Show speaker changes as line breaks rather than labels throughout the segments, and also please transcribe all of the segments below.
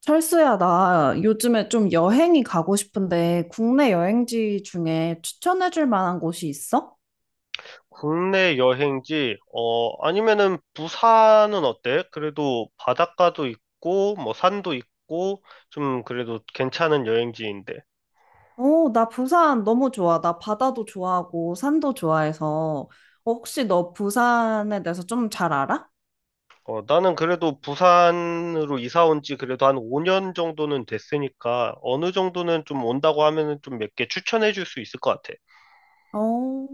철수야, 나 요즘에 좀 여행이 가고 싶은데 국내 여행지 중에 추천해줄 만한 곳이 있어?
국내 여행지, 아니면은 부산은 어때? 그래도 바닷가도 있고, 뭐 산도 있고, 좀 그래도 괜찮은 여행지인데.
어, 나 부산 너무 좋아. 나 바다도 좋아하고 산도 좋아해서 어, 혹시 너 부산에 대해서 좀 잘 알아?
나는 그래도 부산으로 이사 온지 그래도 한 5년 정도는 됐으니까, 어느 정도는 좀 온다고 하면은 좀 몇 개 추천해 줄 수 있을 것 같아.
어,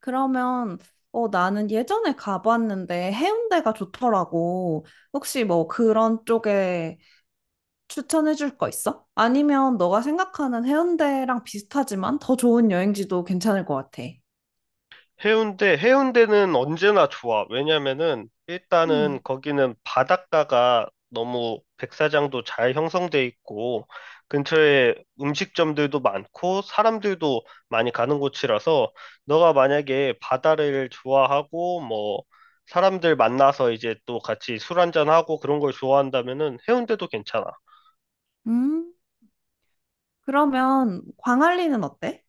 그러면 어, 나는 예전에 가봤는데 해운대가 좋더라고. 혹시 뭐 그런 쪽에 추천해줄 거 있어? 아니면 너가 생각하는 해운대랑 비슷하지만 더 좋은 여행지도 괜찮을 것 같아.
해운대, 해운대는 언제나 좋아. 왜냐면은 일단은
음.
거기는 바닷가가 너무 백사장도 잘 형성돼 있고 근처에 음식점들도 많고 사람들도 많이 가는 곳이라서 너가 만약에 바다를 좋아하고 뭐 사람들 만나서 이제 또 같이 술 한잔하고 그런 걸 좋아한다면은 해운대도 괜찮아.
음, 그러면 광안리는 어때?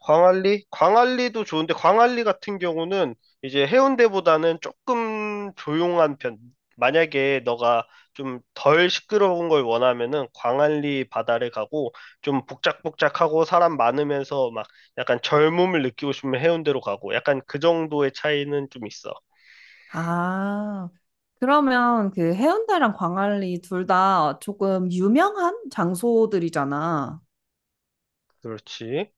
광안리? 광안리도 좋은데 광안리 같은 경우는 이제 해운대보다는 조금 조용한 편. 만약에 너가 좀 덜 시끄러운 걸 원하면은 광안리 바다를 가고 좀 복작복작하고 사람 많으면서 막 약간 젊음을 느끼고 싶으면 해운대로 가고 약간 그 정도의 차이는 좀 있어.
아, 그러면 그 해운대랑 광안리 둘 다 조금 유명한 장소들이잖아.
그렇지.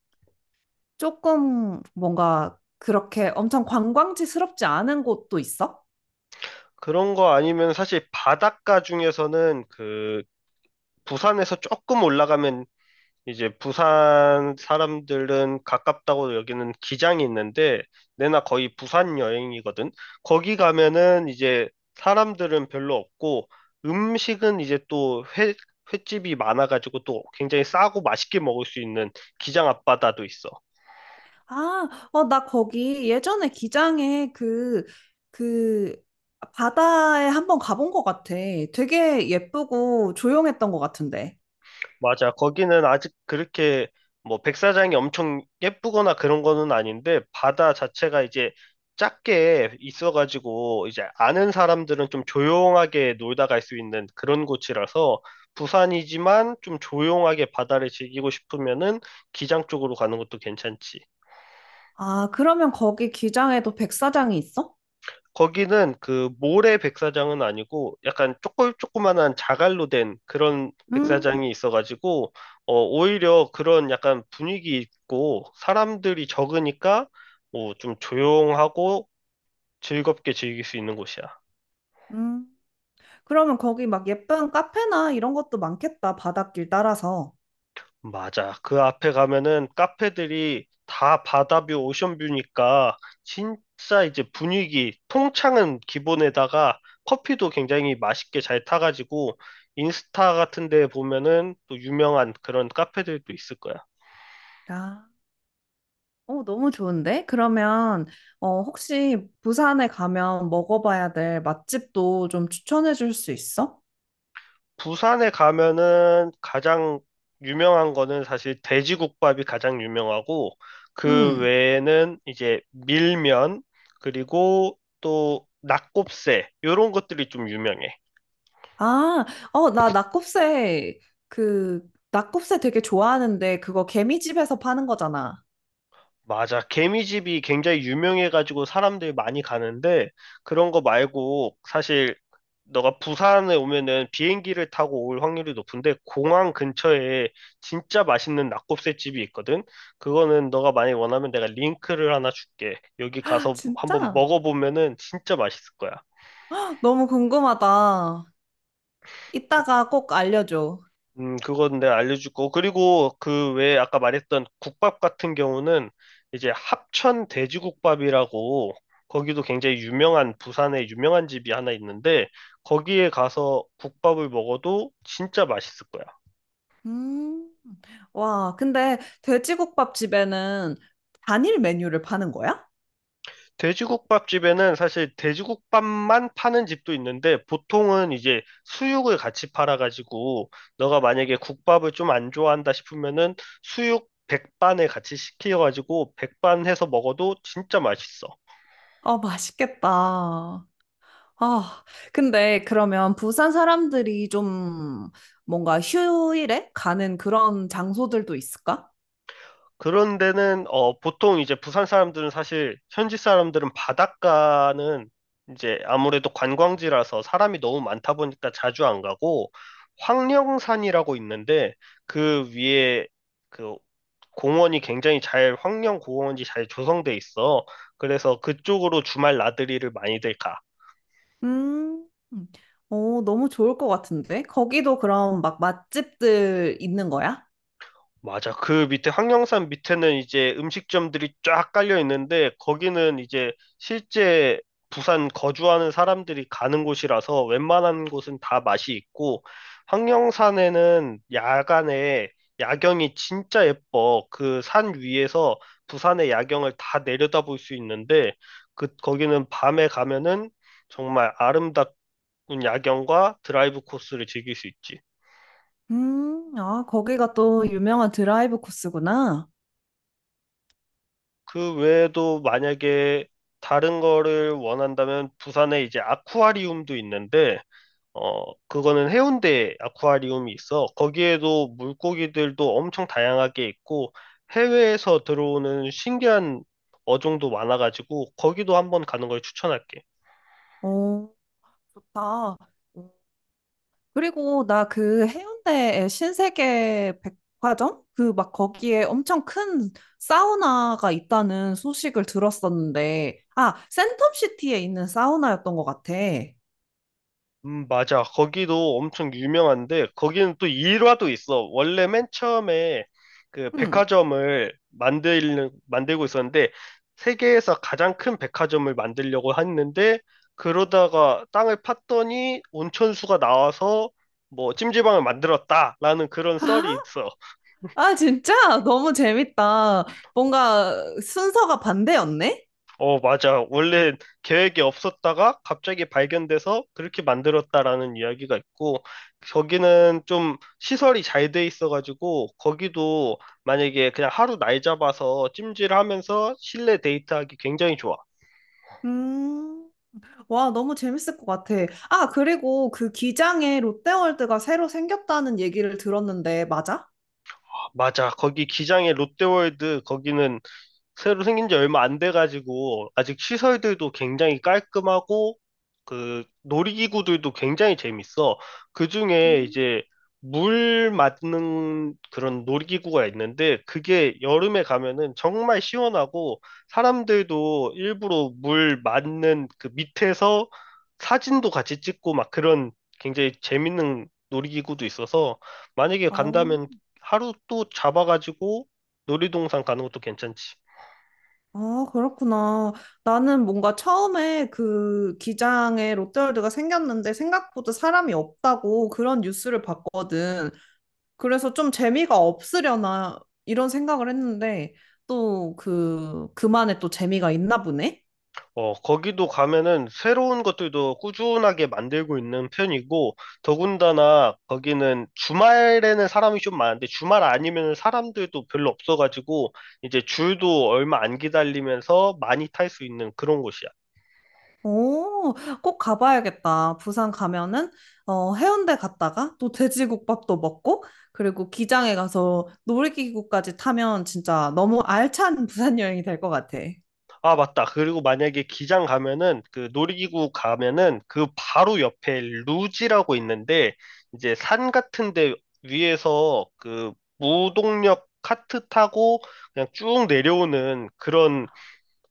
조금 뭔가 그렇게 엄청 관광지스럽지 않은 곳도 있어?
그런 거 아니면 사실 바닷가 중에서는 그 부산에서 조금 올라가면 이제 부산 사람들은 가깝다고 여기는 기장이 있는데 내나 거의 부산 여행이거든. 거기 가면은 이제 사람들은 별로 없고 음식은 이제 또 횟집이 많아가지고 또 굉장히 싸고 맛있게 먹을 수 있는 기장 앞바다도 있어.
아, 어, 나 거기 예전에 기장에 그, 바다에 한번 가본 것 같아. 되게 예쁘고 조용했던 것 같은데.
맞아. 거기는 아직 그렇게 뭐 백사장이 엄청 예쁘거나 그런 거는 아닌데 바다 자체가 이제 작게 있어가지고 이제 아는 사람들은 좀 조용하게 놀다 갈 수 있는 그런 곳이라서 부산이지만 좀 조용하게 바다를 즐기고 싶으면은 기장 쪽으로 가는 것도 괜찮지.
아, 그러면 거기 기장에도 백사장이 있어?
거기는 그 모래 백사장은 아니고 약간 조금 조그만한 자갈로 된 그런
음,
백사장이 있어가지고 오히려 그런 약간 분위기 있고 사람들이 적으니까 뭐 좀 조용하고 즐겁게 즐길 수 있는 곳이야.
음. 그러면 거기 막 예쁜 카페나 이런 것도 많겠다. 바닷길 따라서.
맞아. 그 앞에 가면은 카페들이 다 바다뷰, 오션뷰니까 진짜 이제 분위기, 통창은 기본에다가 커피도 굉장히 맛있게 잘 타가지고 인스타 같은 데 보면은 또 유명한 그런 카페들도 있을 거야.
아, 어, 너무 좋은데? 그러면, 어, 혹시 부산에 가면 먹어봐야 될 맛집도 좀 추천해 줄 수 있어?
부산에 가면은 가장 유명한 거는 사실 돼지국밥이 가장 유명하고 그
응.
외에는 이제 밀면 그리고 또 낙곱새 이런 것들이 좀 유명해.
아, 어, 나 그, 낙곱새 되게 좋아하는데, 그거 개미집에서 파는 거잖아.
맞아. 개미집이 굉장히 유명해가지고 사람들이 많이 가는데, 그런 거 말고, 사실, 너가 부산에 오면은 비행기를 타고 올 확률이 높은데, 공항 근처에 진짜 맛있는 낙곱새집이 있거든? 그거는 너가 많이 원하면 내가 링크를 하나 줄게. 여기
아,
가서 한번
진짜?
먹어보면은 진짜 맛있을 거야.
너무 궁금하다. 이따가 꼭 알려줘.
그건 내가 알려주고. 그리고 그 외에 아까 말했던 국밥 같은 경우는 이제 합천 돼지국밥이라고 거기도 굉장히 유명한 부산에 유명한 집이 하나 있는데 거기에 가서 국밥을 먹어도 진짜 맛있을 거야.
음. 와, 근데 돼지국밥 집에는 단일 메뉴를 파는 거야?
돼지국밥집에는 사실 돼지국밥만 파는 집도 있는데 보통은 이제 수육을 같이 팔아가지고 너가 만약에 국밥을 좀 안 좋아한다 싶으면은 수육 백반에 같이 시켜가지고 백반 해서 먹어도 진짜 맛있어.
아, 맛있겠다. 아, 근데 그러면 부산 사람들이 좀 뭔가 휴일에 가는 그런 장소들도 있을까?
그런 데는 보통 이제 부산 사람들은 사실 현지 사람들은 바닷가는 이제 아무래도 관광지라서 사람이 너무 많다 보니까 자주 안 가고 황령산이라고 있는데 그 위에 그 공원이 굉장히 잘, 황령 공원이 잘 조성돼 있어. 그래서 그쪽으로 주말 나들이를 많이들 가.
음, 오, 너무 좋을 것 같은데? 거기도 그럼 막 맛집들 있는 거야?
맞아. 그 밑에 황령산 밑에는 이제 음식점들이 쫙 깔려 있는데 거기는 이제 실제 부산 거주하는 사람들이 가는 곳이라서 웬만한 곳은 다 맛이 있고 황령산에는 야간에 야경이 진짜 예뻐. 그 산 위에서 부산의 야경을 다 내려다볼 수 있는데 그 거기는 밤에 가면은 정말 아름답은 야경과 드라이브 코스를 즐길 수 있지.
아, 거기가 또 유명한 드라이브 코스구나.
그 외에도 만약에 다른 거를 원한다면 부산에 이제 아쿠아리움도 있는데, 그거는 해운대 아쿠아리움이 있어. 거기에도 물고기들도 엄청 다양하게 있고, 해외에서 들어오는 신기한 어종도 많아가지고, 거기도 한번 가는 걸 추천할게.
오, 좋다. 그리고 나 그 해운대에 신세계 백화점? 그 막 거기에 엄청 큰 사우나가 있다는 소식을 들었었는데, 아, 센텀시티에 있는 사우나였던 것 같아.
맞아. 거기도 엄청 유명한데, 거기는 또 일화도 있어. 원래 맨 처음에 그
음.
백화점을 만들고 있었는데, 세계에서 가장 큰 백화점을 만들려고 했는데, 그러다가 땅을 팠더니 온천수가 나와서 뭐 찜질방을 만들었다라는 그런 썰이 있어.
아, 진짜? 너무 재밌다. 뭔가 순서가 반대였네?
어, 맞아. 원래 계획이 없었다가 갑자기 발견돼서 그렇게 만들었다라는 이야기가 있고, 거기는 좀 시설이 잘 돼 있어가지고, 거기도 만약에 그냥 하루 날 잡아서 찜질하면서 실내 데이트하기 굉장히 좋아.
음, 와, 너무 재밌을 것 같아. 아, 그리고 그 기장에 롯데월드가 새로 생겼다는 얘기를 들었는데, 맞아?
맞아. 거기 기장의 롯데월드, 거기는 새로 생긴 지 얼마 안 돼가지고 아직 시설들도 굉장히 깔끔하고 그 놀이기구들도 굉장히 재밌어. 그중에
음.
이제 물 맞는 그런 놀이기구가 있는데 그게 여름에 가면은 정말 시원하고 사람들도 일부러 물 맞는 그 밑에서 사진도 같이 찍고 막 그런 굉장히 재밌는 놀이기구도 있어서 만약에
어,
간다면 하루 또 잡아가지고 놀이동산 가는 것도 괜찮지.
아, 그렇구나. 나는 뭔가 처음에 그 기장에 롯데월드가 생겼는데 생각보다 사람이 없다고 그런 뉴스를 봤거든. 그래서 좀 재미가 없으려나 이런 생각을 했는데 또 그 그만의 또 재미가 있나 보네.
어, 거기도 가면은 새로운 것들도 꾸준하게 만들고 있는 편이고, 더군다나 거기는 주말에는 사람이 좀 많은데, 주말 아니면 사람들도 별로 없어가지고, 이제 줄도 얼마 안 기다리면서 많이 탈 수 있는 그런 곳이야.
오, 꼭 가봐야겠다. 부산 가면은 어, 해운대 갔다가 또 돼지국밥도 먹고 그리고 기장에 가서 놀이기구까지 타면 진짜 너무 알찬 부산 여행이 될 것 같아.
아, 맞다. 그리고 만약에 기장 가면은, 그 놀이기구 가면은, 그 바로 옆에 루지라고 있는데, 이제 산 같은 데 위에서 그 무동력 카트 타고 그냥 쭉 내려오는 그런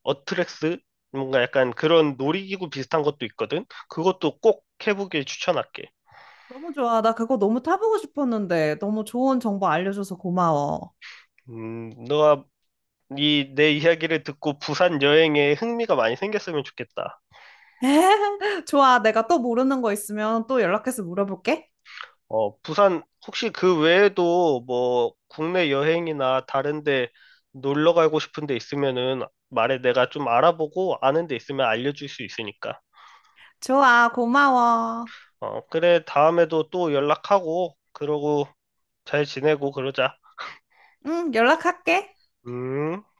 어트렉스 뭔가 약간 그런 놀이기구 비슷한 것도 있거든. 그것도 꼭 해보길 추천할게.
너무 좋아. 나 그거 너무 타보고 싶었는데 너무 좋은 정보 알려줘서 고마워.
너가 이 내 이야기를 듣고 부산 여행에 흥미가 많이 생겼으면 좋겠다.
좋아. 내가 또 모르는 거 있으면 또 연락해서 물어볼게.
어, 부산 혹시 그 외에도 뭐 국내 여행이나 다른데 놀러 가고 싶은 데 있으면은 말해 내가 좀 알아보고 아는 데 있으면 알려줄 수 있으니까.
좋아. 고마워.
어, 그래 다음에도 또 연락하고 그러고 잘 지내고 그러자.
응, 연락할게.
음.